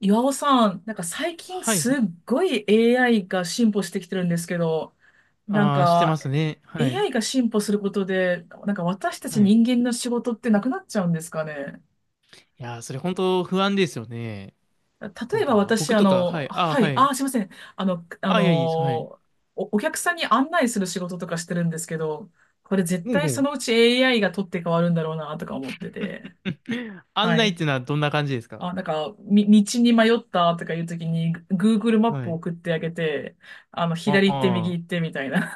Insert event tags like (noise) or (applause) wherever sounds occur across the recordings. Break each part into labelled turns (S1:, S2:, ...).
S1: 岩尾さん、最近
S2: はい。
S1: すっごい AI が進歩してきてるんですけど、なん
S2: ああ、してま
S1: か
S2: すね。はい。
S1: AI が進歩することで、私た
S2: は
S1: ち
S2: い。
S1: 人間の仕事ってなくなっちゃうんですかね。
S2: いやー、それ本当不安ですよね。
S1: 例
S2: なん
S1: えば
S2: か、
S1: 私、
S2: 僕とか、はい。ああ、
S1: は
S2: は
S1: い、
S2: い。
S1: すいません。あの、あ
S2: あ
S1: の
S2: あ、
S1: ー、
S2: いや、いいです。はい。
S1: お、お客さんに案内する仕事とかしてるんですけど、これ絶
S2: ほうほ
S1: 対そ
S2: う。
S1: のうち AI が取って変わるんだろうなとか思ってて。
S2: (laughs) 案
S1: は
S2: 内っ
S1: い。
S2: ていうのはどんな感じですか？
S1: 道に迷ったとかいうときに、Google マッ
S2: は
S1: プを
S2: い。
S1: 送ってあげて、
S2: あ
S1: 左行って右行っ
S2: あ。
S1: てみたいな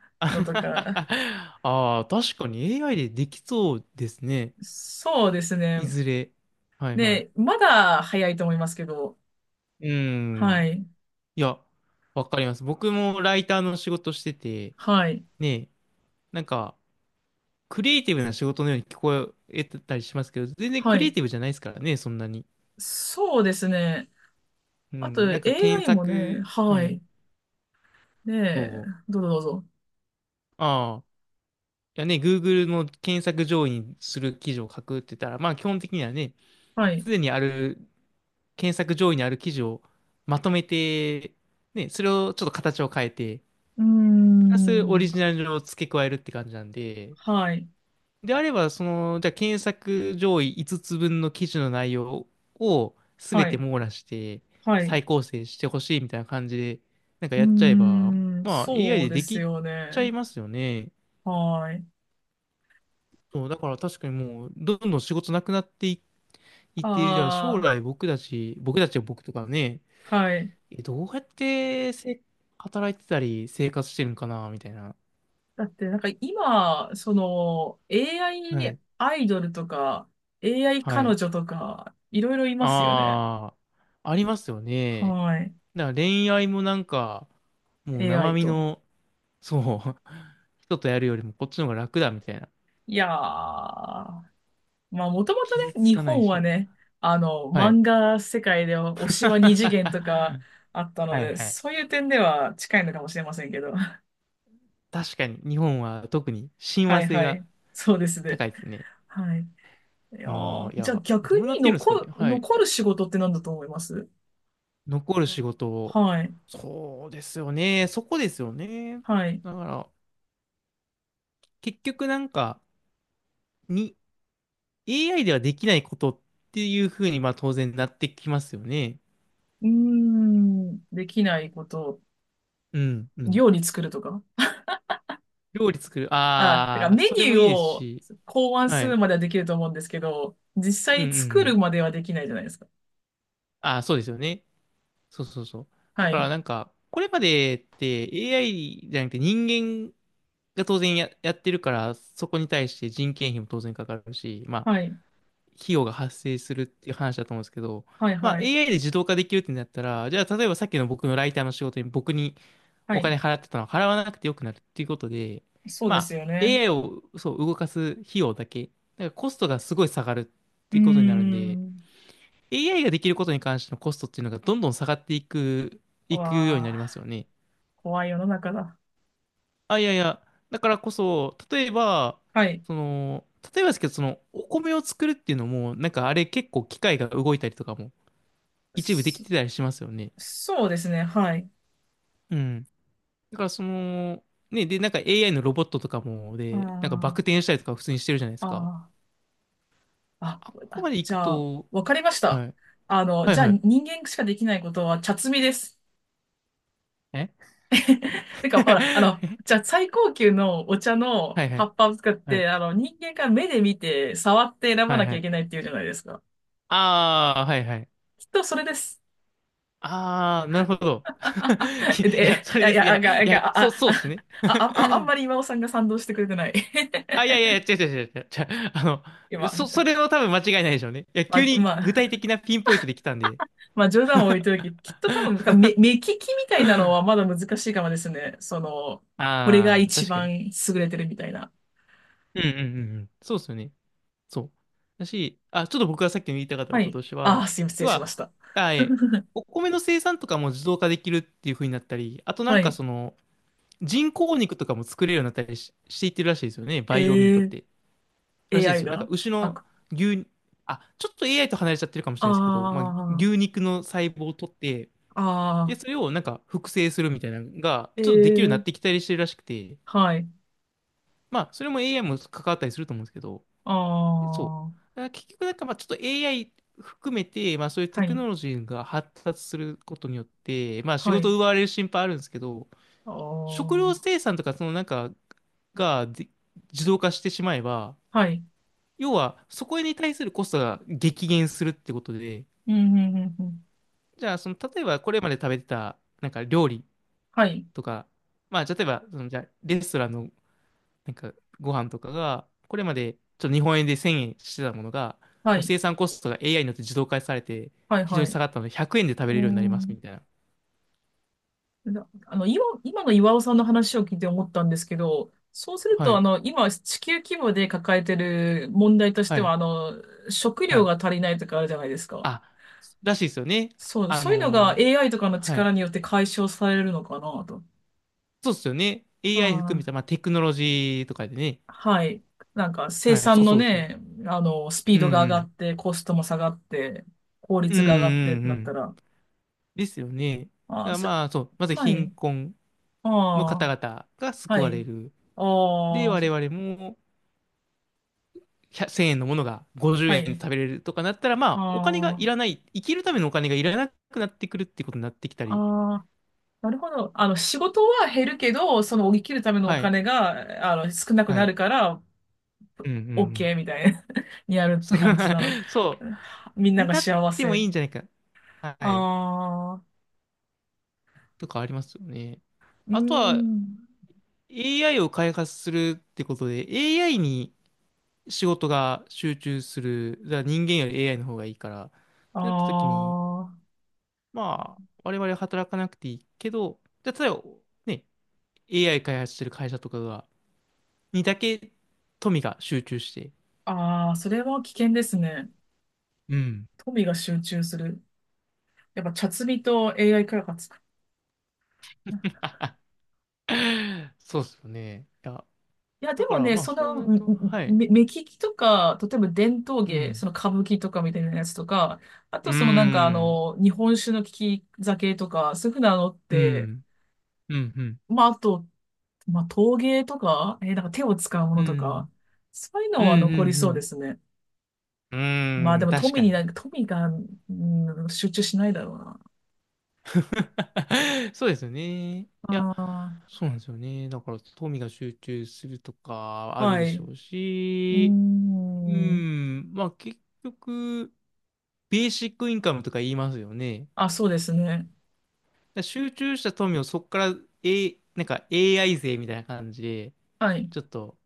S2: (laughs)
S1: のとか。
S2: ああ、確かに AI でできそうですね。
S1: そうです
S2: い
S1: ね。
S2: ずれ。はいは
S1: で、まだ早いと思いますけど、
S2: い。う
S1: は
S2: ん。
S1: い、
S2: いや、わかります。僕もライターの仕事してて、
S1: はい、
S2: ね、なんか、クリエイティブな仕事のように聞こえたりしますけど、全然
S1: は
S2: クリエイ
S1: い。
S2: ティブじゃないですからね、そんなに。
S1: そうですね。
S2: う
S1: あと、
S2: ん、なんか検
S1: AI もね、
S2: 索、は
S1: は
S2: い、
S1: い。ね
S2: そ
S1: え、
S2: う。
S1: どうぞどうぞ。
S2: ああ、いやね、Google の検索上位にする記事を書くって言ったら、まあ基本的にはね、
S1: はい。
S2: すでにある、検索上位にある記事をまとめて、ね、それをちょっと形を変えて、
S1: うー
S2: プラスオリ
S1: ん、
S2: ジナルを付け加えるって感じなんで、
S1: はい、
S2: であれば、その、じゃあ検索上位5つ分の記事の内容を全
S1: は
S2: て
S1: い、
S2: 網羅して
S1: はい。
S2: 再構成してほしいみたいな感じで、なんか
S1: う
S2: やっちゃえ
S1: ー
S2: ば、
S1: ん、
S2: まあ AI
S1: そう
S2: で
S1: で
S2: で
S1: す
S2: き
S1: よ
S2: ちゃ
S1: ね。
S2: いますよね。
S1: はい。
S2: そう、だから確かにもう、どんどん仕事なくなっていいって、じゃあ
S1: あ
S2: 将
S1: あ。
S2: 来僕たちは僕とかね、
S1: はい。
S2: どうやって働いてたり生活してるのかな、みたいな。
S1: だって、今、AI ア
S2: は
S1: イ
S2: い。
S1: アイドルとか、AI
S2: は
S1: 彼
S2: い。
S1: 女とか、いろいろいますよね。
S2: ああ、ありますよね。
S1: はい。
S2: だから恋愛もなんか、もう生
S1: AI
S2: 身
S1: と。
S2: の、そう、(laughs) 人とやるよりもこっちの方が楽だみたいな。
S1: いやー、まもともと
S2: 傷
S1: ね、
S2: つ
S1: 日
S2: かない
S1: 本は
S2: し。
S1: ね、
S2: はい。
S1: 漫画世界では推
S2: (laughs)
S1: しは二次元とかあったの
S2: はい
S1: で、
S2: はい。
S1: そういう点では近いのかもしれませんけど。(laughs)
S2: 確かに日本は特に親
S1: は
S2: 和
S1: い
S2: 性
S1: は
S2: が
S1: い。そうですね。
S2: 高いですね。
S1: はい。いや
S2: あ
S1: ー、
S2: あ、い
S1: じゃあ
S2: や、
S1: 逆
S2: どうなっ
S1: に
S2: てるんですかね。はい。
S1: 残る仕事って何だと思います？
S2: 残る仕事を。
S1: はい。
S2: そうですよね。そこですよね。
S1: はい。
S2: だから、結局なんか、に、AI ではできないことっていうふうに、まあ当然なってきますよね。
S1: うーん、できないこと、
S2: うん、うん。
S1: 料理作るとか。
S2: 料理作る。
S1: あ、だから
S2: ああ、
S1: メ
S2: そ
S1: ニ
S2: れ
S1: ュ
S2: も
S1: ー
S2: いいです
S1: を
S2: し。
S1: 考案
S2: は
S1: する
S2: い。
S1: まではできると思うんですけど、実
S2: う
S1: 際
S2: んう
S1: に
S2: んう
S1: 作る
S2: ん。
S1: まではできないじゃないですか。
S2: ああ、そうですよね。そうそうそう。だ
S1: は
S2: から
S1: い。
S2: なんか、これまでって AI じゃなくて人間が当然やってるから、そこに対して人件費も当然かかるし、まあ、
S1: はい。
S2: 費用が発生するっていう話だと思うんですけど、
S1: はい、
S2: まあ、
S1: はい。
S2: AI で自動化できるってなったら、じゃあ、例えばさっきの僕のライターの仕事に僕に
S1: は
S2: お
S1: い。
S2: 金払ってたのは払わなくてよくなるっていうことで、
S1: そう
S2: ま
S1: です
S2: あ、
S1: よね。
S2: AI をそう動かす費用だけ、だからコストがすごい下がるっ
S1: う
S2: て
S1: ー
S2: いうことになるんで、
S1: ん。
S2: AI ができることに関してのコストっていうのがどんどん下がっていくようにな
S1: わ
S2: りますよ
S1: あ、
S2: ね。
S1: 怖い世の中だ。
S2: あ、いやいや、だからこそ、
S1: はい。
S2: その、例えばですけど、その、お米を作るっていうのも、なんかあれ結構機械が動いたりとかも一部でき
S1: そ、
S2: てたりしますよね。
S1: そうですね。はい。
S2: うん。だからその、ね、で、なんか AI のロボットとかも、で、なんかバク
S1: あ
S2: 転したりとか普通にしてるじゃないで
S1: あ、
S2: すか。
S1: ああ、
S2: あっ
S1: あ、
S2: こまで行
S1: じ
S2: く
S1: ゃあ、
S2: と、
S1: わかりました。
S2: はい。
S1: あの、
S2: はい
S1: じゃあ
S2: はい。
S1: 人間しかできないことは茶摘みです。
S2: え
S1: (laughs) て
S2: (laughs)
S1: か、ほら、あの、じゃ
S2: え
S1: あ最高級のお茶の
S2: はい (laughs) は
S1: 葉
S2: い。
S1: っぱを使っ
S2: はい。
S1: て、あの、人間が目で見て、触って選ば
S2: はい
S1: なき
S2: は
S1: ゃい
S2: い。
S1: けないっていうじゃないですか。
S2: ああ、はいはい。
S1: きっとそれです。
S2: ああ、なるほど。(laughs)
S1: (laughs)
S2: き
S1: え、
S2: いや、
S1: で、
S2: それ
S1: え
S2: で
S1: い
S2: す。い
S1: や、あ、
S2: や、
S1: が、
S2: いや、
S1: が、
S2: そう、
S1: あ、
S2: そうっ
S1: あ、
S2: すね。
S1: あ、あ、あんまり今尾さんが賛同してくれてない。
S2: あ、いやいやいや、違う違う違う違う。違うあ
S1: (laughs)
S2: の、
S1: 今、
S2: そ、
S1: じ
S2: そ
S1: ゃ、
S2: れは多分間違いないでしょうね。いや、
S1: まあ、
S2: 急に
S1: ま
S2: 具
S1: あ、
S2: 体的なピンポイントで来たんで。
S1: まあ、冗談を置いといて、きっと多分、目利きみたいな
S2: (laughs)
S1: のはまだ難しいかもですね。その、これが
S2: ああ、
S1: 一
S2: 確かに。
S1: 番優れてるみたいな。
S2: うんうんうんうん。そうっすよね。そう。だし、あ、ちょっと僕がさっきの言いたかった
S1: は
S2: こと
S1: い。
S2: として
S1: あ
S2: は、
S1: あ、すいません、失
S2: 要
S1: 礼しまし
S2: は、
S1: た。
S2: あ、え、
S1: (laughs)
S2: お米の生産とかも自動化できるっていう風になったり、あとな
S1: は
S2: んか
S1: い。
S2: その、人工肉とかも作れるようになったりしていってるらしいですよね。
S1: え
S2: バイオミートっ
S1: ー
S2: て。らしいです
S1: AI
S2: よ。なんか
S1: が
S2: 牛
S1: あ
S2: の
S1: く、
S2: 牛、あ、ちょっと AI と離れちゃってるかもしれないですけど、まあ、
S1: あ
S2: 牛肉の細胞を取って、
S1: あ、あ
S2: で、
S1: あ、
S2: それをなんか複製するみたいなのが、
S1: え
S2: ちょっとできるようになっ
S1: え、
S2: てきたりしてるらしくて、
S1: はい、
S2: まあ、それも AI も関わったりすると思うんですけど、
S1: あ
S2: そ
S1: あ、
S2: う。だから結局なんかまあちょっと AI 含めて、まあそういう
S1: は
S2: テク
S1: い、
S2: ノロジーが発達することによって、まあ仕
S1: は
S2: 事
S1: い、
S2: を奪われる心配あるんですけど、
S1: あ
S2: 食料
S1: あ、
S2: 生産とかそのなんかで自動化してしまえば、
S1: はい、
S2: 要はそこに対するコストが激減するってことで、
S1: うん、うん、うん、うん、
S2: じゃあその例えばこれまで食べてたなんか料理
S1: はい、
S2: とか、まあ例えばそのじゃあレストランのなんかご飯とかが、これまでちょっと日本円で1000円してたものが、
S1: は
S2: もう
S1: い、
S2: 生産コストが AI によって自動化されて、
S1: はい、
S2: 非常
S1: は
S2: に
S1: い。
S2: 下がったので100円で食べれ
S1: う
S2: るようになります
S1: ん、
S2: みたいな。
S1: なあの、今、今の岩尾さんの話を聞いて思ったんですけど、そうする
S2: は
S1: と、あ
S2: い、
S1: の、今、地球規模で抱えてる問題とし
S2: は
S1: ては、
S2: い、
S1: あの、食
S2: は
S1: 料が
S2: い。
S1: 足りないとかあるじゃないですか。
S2: あ、らしいですよね。
S1: そう、
S2: あ
S1: そういうのが
S2: の
S1: AI とかの
S2: は
S1: 力
S2: い。
S1: によって解消されるのかなと。
S2: そうですよね。AI 含め
S1: あ
S2: た、
S1: あ、
S2: まあ、テクノロジーとかでね。
S1: はい。なんか生
S2: はい、そ
S1: 産
S2: う
S1: の
S2: そうそう。
S1: ね、あの、スピー
S2: うんう
S1: ドが上が
S2: ん。
S1: って、コストも下がって、効
S2: うん
S1: 率が上がってっ
S2: うん
S1: て
S2: う
S1: なった
S2: ん。
S1: ら、
S2: ですよね。だか
S1: あー、
S2: ら
S1: そ、
S2: まあ、そう、まず
S1: は
S2: 貧
S1: い。
S2: 困
S1: あ
S2: の方
S1: あ、
S2: 々が救
S1: は
S2: わ
S1: い。
S2: れる。で、
S1: ああ、
S2: 我々も、100 0円のものが50
S1: は
S2: 円で
S1: い。
S2: 食べれるとかなったら、まあ、お金が
S1: あ
S2: いらない、生きるためのお金がいらなくなってくるってことになってきた
S1: あ、
S2: り、
S1: ああ、なるほど。あの、仕事は減るけど、その、生きるためのお
S2: はい、
S1: 金が、あの、少なく
S2: は
S1: な
S2: い、
S1: るから、
S2: うんうんうん。
S1: OK みたいな (laughs) にやる
S2: (laughs)
S1: っ
S2: そ
S1: て
S2: う、
S1: 感じなの。
S2: (laughs) そ
S1: みん
S2: う
S1: な
S2: に
S1: が
S2: なっ
S1: 幸
S2: てもい
S1: せ。
S2: いんじゃないか。はい、
S1: ああ、
S2: とかありますよね。
S1: うー
S2: あとは、
S1: ん。
S2: AI を開発するってことで、AI に仕事が集中する、だから人間より AI の方がいいから、っ
S1: あ
S2: てなった時に、
S1: あ。
S2: まあ、我々は働かなくていいけど、じゃあ例えばね、AI 開発してる会社とかにだけ富が集中して、
S1: ああ、それは危険ですね。
S2: うん。
S1: 富が集中する。やっぱ、茶摘みと AI 開発か。
S2: (laughs) そうっすよね。いや、
S1: いや、
S2: だ
S1: で
S2: か
S1: も
S2: ら
S1: ね、
S2: まあそうなると、はい。
S1: 目利きとか、例えば伝統
S2: う
S1: 芸、そ
S2: ん。
S1: の歌舞伎とかみたいなやつとか、あ
S2: う
S1: と
S2: ー
S1: そのなんかあ
S2: ん。
S1: の、日本酒の利き酒とか、そういうふうなのっ
S2: う
S1: て、
S2: ん。うん、うん。
S1: まあ、あと、まあ、陶芸とか、なんか手を使うも
S2: う
S1: のとか、
S2: ん。
S1: そういう
S2: う
S1: の
S2: ん。
S1: は残り
S2: う
S1: そうで
S2: ん。
S1: すね。
S2: うん。
S1: まあ
S2: う
S1: で
S2: ん。
S1: も
S2: 確
S1: 富
S2: か
S1: にな
S2: に。
S1: んか、富が、うん、集中しないだろうな。
S2: (laughs) そうですよね。いや、
S1: あ
S2: そうなんですよね。だから、富が集中するとか
S1: あ、
S2: ある
S1: は
S2: で
S1: い。
S2: し
S1: う
S2: ょうし、
S1: ー
S2: う
S1: ん。
S2: ん、まあ結局、ベーシックインカムとか言いますよね。だか
S1: あ、そうですね。
S2: ら集中した富をそこから、なんか AI 税みたいな感じで、
S1: はい。
S2: ちょっと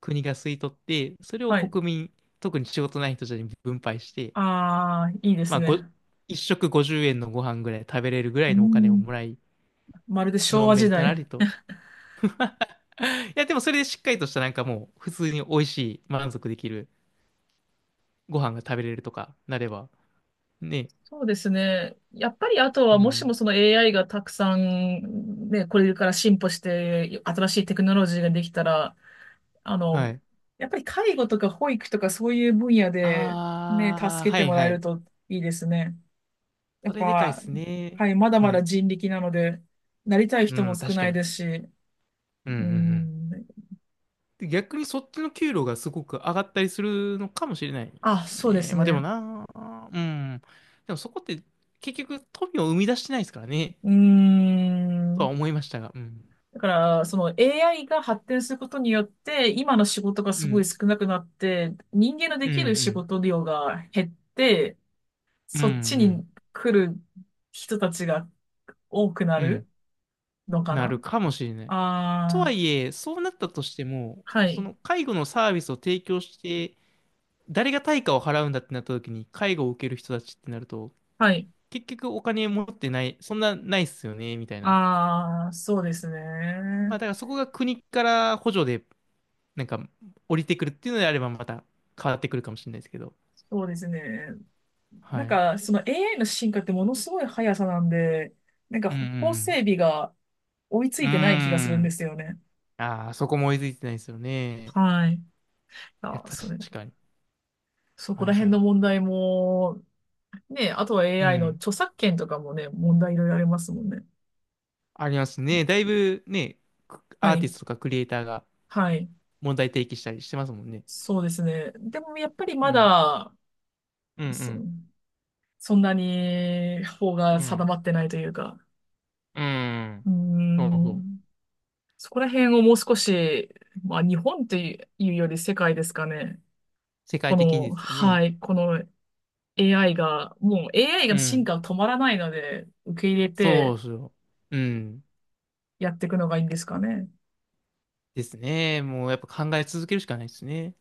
S2: 国が吸い取って、それを
S1: はい。
S2: 国民、特に仕事ない人たちに分配して、
S1: ああ、いいです
S2: まあ、
S1: ね。
S2: 一食50円のご飯ぐらい食べれるぐら
S1: うー
S2: いのお金を
S1: ん。
S2: もらい、
S1: まるで昭
S2: のん
S1: 和
S2: べ
S1: 時
S2: んたら
S1: 代。
S2: りと。(laughs) いや、でもそれでしっかりとしたなんかもう、普通に美味しい、満足できるご飯が食べれるとかなれば、ね。
S1: そうですね。やっぱりあと
S2: う
S1: は、もしも
S2: ん。
S1: その AI がたくさん、ね、これから進歩して、新しいテクノロジーができたら、あ
S2: は
S1: の、
S2: い。
S1: やっぱり介護とか保育とかそういう分野で、ね、
S2: ああ、
S1: 助け
S2: は
S1: て
S2: い
S1: もら
S2: は
S1: える
S2: い。
S1: といいですね。や
S2: そ
S1: っ
S2: れでかいっ
S1: ぱ、
S2: すね。
S1: はい、まだま
S2: は
S1: だ
S2: い。
S1: 人力なので、なりたい
S2: う
S1: 人も
S2: ん、
S1: 少
S2: 確
S1: な
S2: か
S1: い
S2: に。
S1: ですし、
S2: うんうんう
S1: う
S2: ん。
S1: ん、
S2: で、逆にそっちの給料がすごく上がったりするのかもしれないで
S1: あ、
S2: す
S1: そうで
S2: ね。
S1: す
S2: まあでも
S1: ね。
S2: な。うん。でもそこって結局富を生み出してないですからね。
S1: うー
S2: とは
S1: ん。
S2: 思いましたが。うん。
S1: だから、その AI が発展することによって、今の仕事が
S2: う
S1: すごい
S2: ん。
S1: 少なくなって、人間ので
S2: うんう
S1: きる仕
S2: ん。
S1: 事量が減って、
S2: うんう
S1: そっち
S2: ん。
S1: に来る人たちが多くな
S2: うん。
S1: るのか
S2: な
S1: な。
S2: るかもしれない。と
S1: あ
S2: は
S1: あ、
S2: いえ、そうなったとしても、
S1: は
S2: そ
S1: い、
S2: の介護のサービスを提供して、誰が対価を払うんだってなった時に、介護を受ける人たちってなると、
S1: はい。
S2: 結局お金持ってない、そんなないっすよね、みたいな。
S1: ああ、そうです
S2: ま
S1: ね。
S2: あだからそこが国から補助で、なんか降りてくるっていうのであればまた変わってくるかもしれないですけど。
S1: そうですね。
S2: は
S1: なん
S2: い。
S1: か、その AI の進化ってものすごい速さなんで、なんか
S2: うんう
S1: 法整
S2: ん
S1: 備が追いつ
S2: うん。うー
S1: いてない気がするんで
S2: ん。
S1: すよね。
S2: ああ、そこも追いついてないですよね。
S1: はい。
S2: いや、
S1: あ、それ、
S2: 確かに。
S1: そこ
S2: は
S1: ら
S2: いは
S1: 辺の
S2: い。
S1: 問題も、ね、あとは
S2: う
S1: AI の
S2: ん。
S1: 著作権とかもね、問題いろいろありますもんね。
S2: ありますね。だいぶね、ア
S1: は
S2: ーティ
S1: い。
S2: ストとかクリエイターが
S1: はい。
S2: 問題提起したりしてますもんね。
S1: そうですね。でもやっぱりま
S2: うん。
S1: だ、
S2: う
S1: そ、
S2: ん
S1: そんなに法
S2: うん。
S1: が
S2: う
S1: 定
S2: ん。
S1: まってないというか、
S2: う
S1: う
S2: ん。
S1: ー
S2: そうそう。
S1: ん、そこら辺をもう少し、まあ日本というより世界ですかね。
S2: 世界
S1: こ
S2: 的に
S1: の、
S2: ですよね。
S1: はい、この AI が、もう AI
S2: う
S1: が進
S2: ん。
S1: 化は止まらないので、受け入れ
S2: そ
S1: て
S2: うそう。うん。
S1: やっていくのがいいんですかね。
S2: ですね。もうやっぱ考え続けるしかないですね。